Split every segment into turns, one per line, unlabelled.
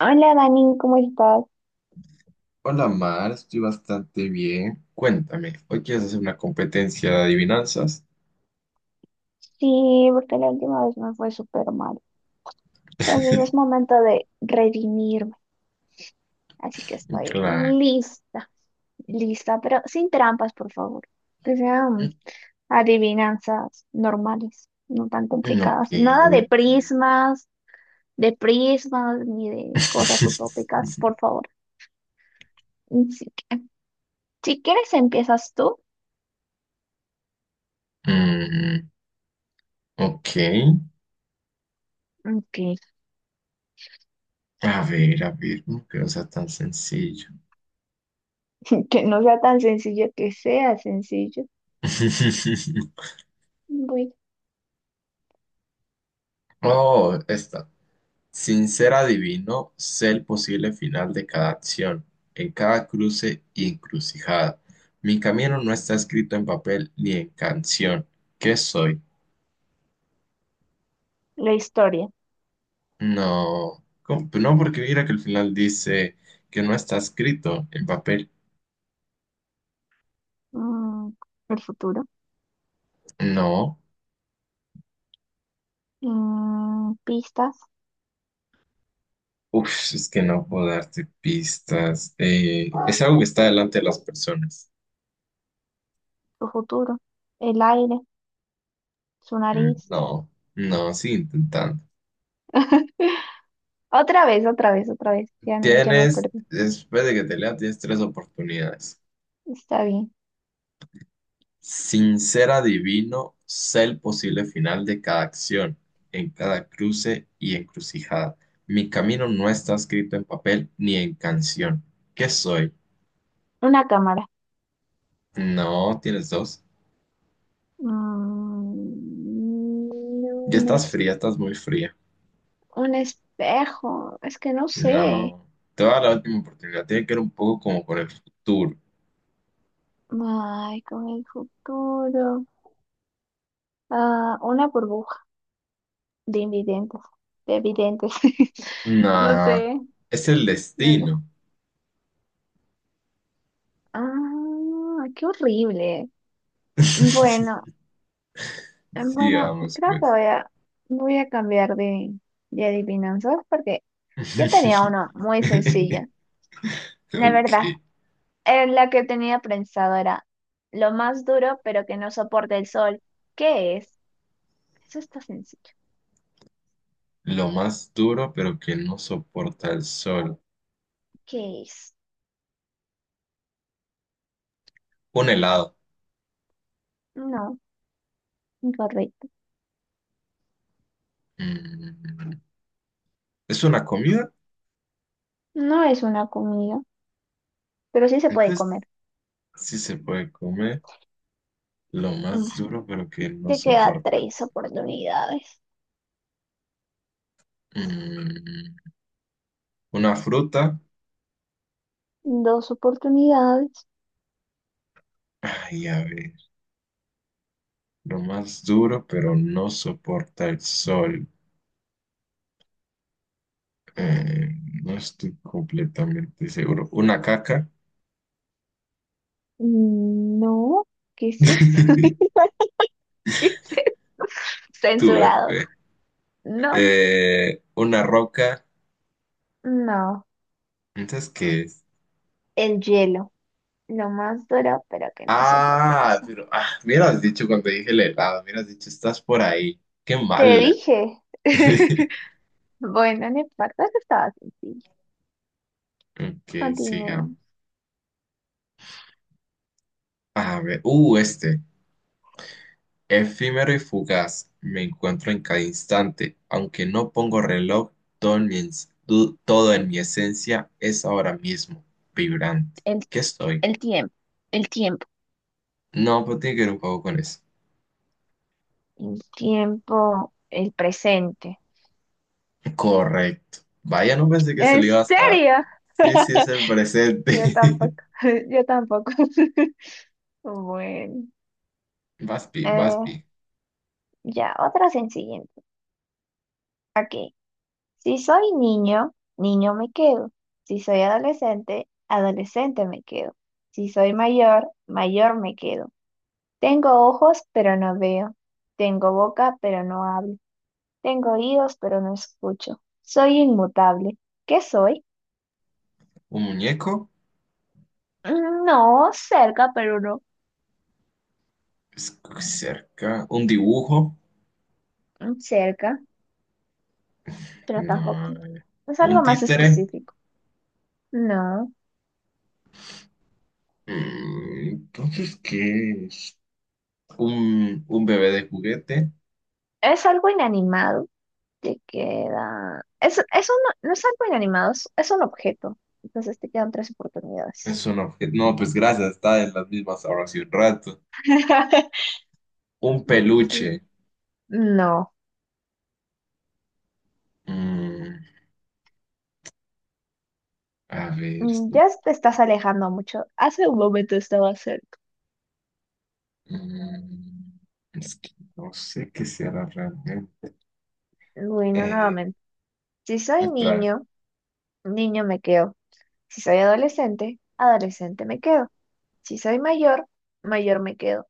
Hola Dani, ¿cómo estás?
Hola Mar, estoy bastante bien. Cuéntame, ¿hoy quieres hacer una competencia de adivinanzas?
Sí, porque la última vez me fue súper mal. Entonces es momento de redimirme. Así que estoy
Claro.
lista, lista, pero sin trampas, por favor. Que sean adivinanzas normales, no tan
Ok,
complicadas. Nada de
ok.
prismas, ni de cosas utópicas, por favor. Así que, si quieres, empiezas tú.
Mm, ok.
Ok.
A ver, no que no sea tan sencillo.
Que no sea tan sencillo, que sea sencillo. Voy.
Oh, esta. Sin ser adivino, sé el posible final de cada acción, en cada cruce y encrucijada. Mi camino no está escrito en papel ni en canción. ¿Qué soy?
La historia.
No, ¿cómo? No, porque mira que al final dice que no está escrito en papel.
mm, el futuro.
No.
Pistas,
Es que no puedo darte pistas. Es algo que está delante de las personas.
su futuro, el aire, su
Mm.
nariz.
No, no, sigue intentando.
Otra vez, otra vez, otra vez. Ya, ya me
Tienes,
perdí.
después de que te lea, tienes tres oportunidades.
Está bien.
Sin ser adivino, sé el posible final de cada acción, en cada cruce y encrucijada. Mi camino no está escrito en papel ni en canción. ¿Qué soy?
Una cámara.
No, tienes dos.
Mm,
Ya
un,
estás
es-
fría, estás muy fría.
un espejo. Es que no sé.
No. Te voy a dar la última oportunidad. Tiene que ver un poco como con el futuro.
Ay, con el futuro. Ah, una burbuja de invidentes. De videntes. No
No.
sé.
Es el
No, no.
destino.
Ah, qué horrible. Bueno. Bueno,
Sigamos,
creo que
pues.
voy a cambiar de adivinanzas porque yo tenía una muy sencilla. La verdad,
Ok.
la que tenía pensado era lo más duro pero que no soporta el sol. ¿Qué es? Eso está sencillo.
Lo más duro, pero que no soporta el sol.
¿Qué es?
Un helado.
No, incorrecto.
Mm, ¿es una comida?
No es una comida, pero sí se puede
Entonces,
comer.
sí se puede comer. Lo
Mm.
más duro, pero que no
Te queda
soporta el
tres
sol.
oportunidades.
Mm, ¿una fruta?
Dos oportunidades.
Ay, a ver, lo más duro, pero no soporta el sol. Eh, no estoy completamente seguro. Una caca.
Mm, no, ¿qué es eso? ¿Qué es eso?
Tuve
Censurado.
F.
No,
Una roca.
no.
¿Entonces qué es?
El hielo. Lo más duro, pero que no soporta el
Ah,
sol.
pero ah, me hubieras dicho cuando dije el helado, me hubieras dicho, estás por ahí. Qué
Te
mala.
dije. Bueno, en importa, eso estaba sencillo.
Ok,
Continúe.
sigamos. A ver, este. Efímero y fugaz, me encuentro en cada instante, aunque no pongo reloj, todo en mi esencia es ahora mismo, vibrante.
El,
¿Qué estoy?
el tiempo. El tiempo.
No, pues tiene que ver un poco con eso.
El tiempo. El presente.
Correcto. Vaya, no pensé que se
¿En
le iba a dar.
serio?
Sí, sí, es el presente.
Yo tampoco. Yo tampoco. Bueno.
Vas bien, vas
eh,
bien.
ya, otra sencilla. Ok. Si soy niño, niño me quedo. Si soy adolescente, adolescente me quedo. Si soy mayor, mayor me quedo. Tengo ojos, pero no veo. Tengo boca, pero no hablo. Tengo oídos, pero no escucho. Soy inmutable. ¿Qué soy?
¿Un muñeco?
Mm, no, cerca, pero no.
Es cerca. ¿Un dibujo?
Mm, cerca, pero tampoco.
No.
Es
¿Un
algo más
títere?
específico. No,
Mm, entonces, ¿qué es? ¿Un bebé de juguete?
es algo inanimado. Te queda. Es eso no, no es algo inanimado, es un objeto. Entonces te quedan tres oportunidades.
Es un objeto. No, pues gracias, está en las mismas ahora hace un rato. Un
Mm, sí.
peluche.
No.
Mm, a ver.
Mm, ya te estás alejando mucho. Hace un momento estaba cerca.
Mm, es que no sé qué será realmente.
Bueno,
Eh,
nuevamente. Si soy
Otra vez.
niño, niño me quedo. Si soy adolescente, adolescente me quedo. Si soy mayor, mayor me quedo.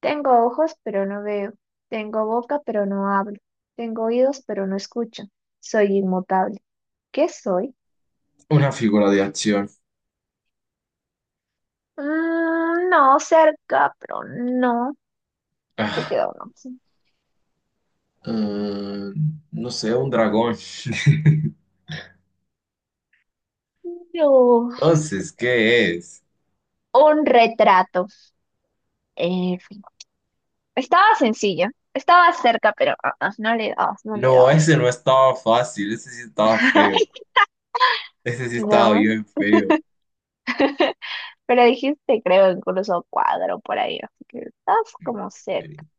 Tengo ojos, pero no veo. Tengo boca, pero no hablo. Tengo oídos, pero no escucho. Soy inmutable. ¿Qué soy?
Una figura de acción.
Mm, no, cerca, pero no. Te
Ah,
queda una opción.
mm, no sé, un dragón.
No.
Entonces, ¿qué es?
Un retrato. En fin. Estaba sencilla. Estaba cerca, pero no le dabas, no le
No, ese
dabas.
no estaba fácil, ese sí estaba feo. Ese sí estaba
No.
bien feo.
Pero dijiste, creo, incluso cuadro por ahí. Así que estás como cerca.
Ok.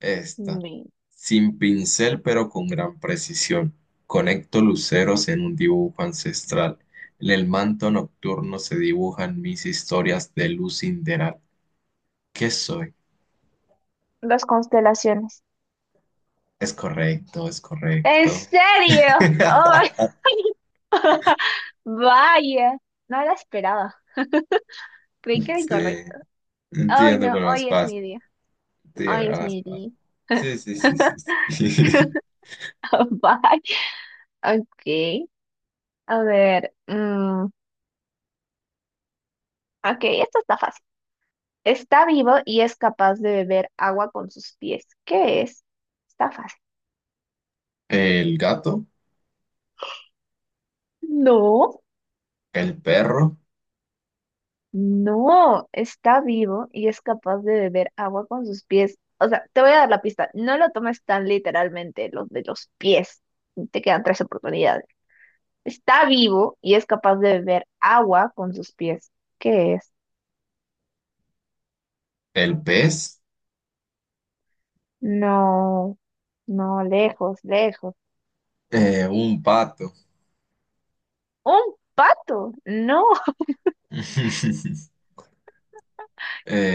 Esta.
Mi-
Sin pincel, pero con gran precisión. Conecto luceros en un dibujo ancestral. En el manto nocturno se dibujan mis historias de luz sideral. ¿Qué soy?
Las constelaciones.
Es correcto, es
¿En
correcto.
serio? Oh my. Vaya, no la esperaba. Creí que era
Sí,
incorrecto. Ay,
entiendo
no,
con las
hoy es
paz.
mi día.
Entiendo
Ay,
con las paz.
Smitty.
Sí, sí, sí, sí, sí.
Bye. Ok. A ver. Ok, esto está fácil. Está vivo y es capaz de beber agua con sus pies. ¿Qué es? Está fácil.
El gato,
No,
el perro,
no. Está vivo y es capaz de beber agua con sus pies. O sea, te voy a dar la pista. No lo tomes tan literalmente, los de los pies. Te quedan tres oportunidades. Está vivo y es capaz de beber agua con sus pies. ¿Qué es?
el pez,
No, no, lejos, lejos.
un pato.
¡Un pato! No,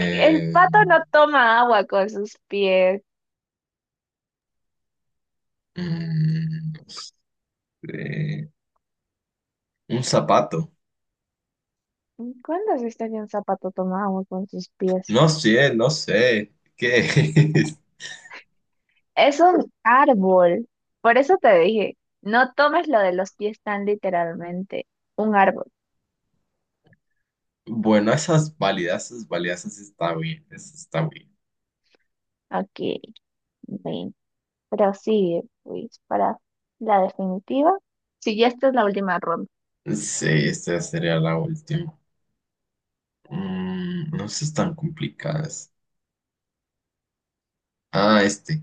el pato no toma agua con sus pies.
Mm, eh, un zapato.
¿Cuándo has visto que un zapato toma agua con sus pies?
No sé, no sé. ¿Qué es?
Es un árbol. Por eso te dije, no tomes lo de los pies tan literalmente. Un árbol.
Bueno, esas válidas, esas válidas, esas está bien, esas está bien.
Ok, bien. Prosigue, Luis, para la definitiva. Si ya esta es la última ronda.
Sí, esta sería la última. Mm, no son tan complicadas. Ah, este.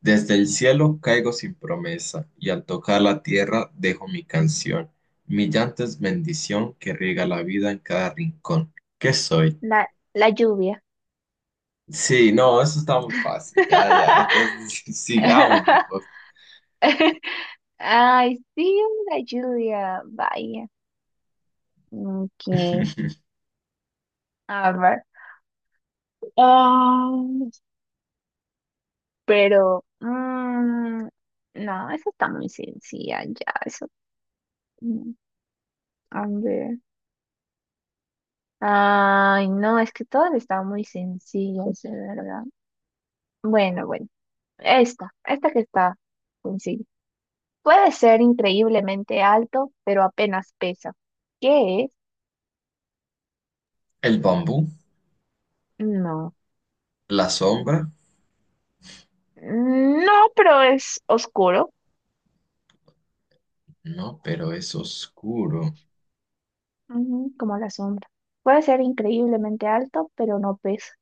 Desde el cielo caigo sin promesa y al tocar la tierra dejo mi canción. Mi llanto es bendición que riega la vida en cada rincón. ¿Qué soy?
La, la lluvia.
Sí, no, eso está muy fácil. Ya, ya. Entonces, sigamos mejor.
Ay, sí, la Julia, vaya. Ok, a ver. Ah, pero, no, eso está muy sencilla, ya, eso. mm, A ver. Ay, no, es que todas están muy sencillas, de verdad. Bueno, bueno, esta que está sencilla. Puede ser increíblemente alto, pero apenas pesa. ¿Qué es?
El bambú,
No.
la sombra.
No, pero es oscuro.
No, pero es oscuro.
Ujú, como la sombra. Puede ser increíblemente alto, pero no pesa.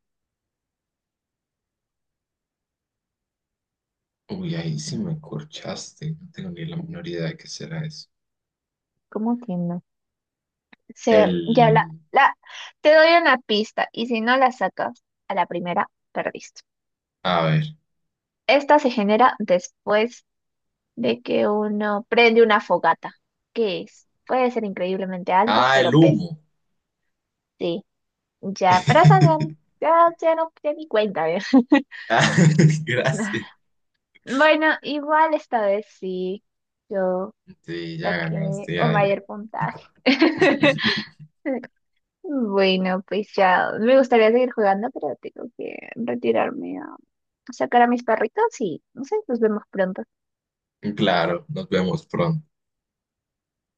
Uy, ahí sí me corchaste. No tengo ni la menor idea de qué será eso.
¿Cómo que no? Se, ya la,
El...
la, Te doy una pista y si no la sacas a la primera, perdiste.
A ver.
Esta se genera después de que uno prende una fogata. ¿Qué es? Puede ser increíblemente alto,
Ah, el
pero pesa.
humo.
Sí, ya, pero esa no- ya, ya no, ya ni cuenta, ¿eh?
Ah, gracias.
Bueno, igual esta vez sí, yo
Sí, ya
saqué
ganaste.
un
Ya, ya.
mayor puntaje. Bueno, pues ya me gustaría seguir jugando, pero tengo que retirarme a sacar a mis perritos y no sé, nos vemos pronto.
Claro, nos vemos pronto.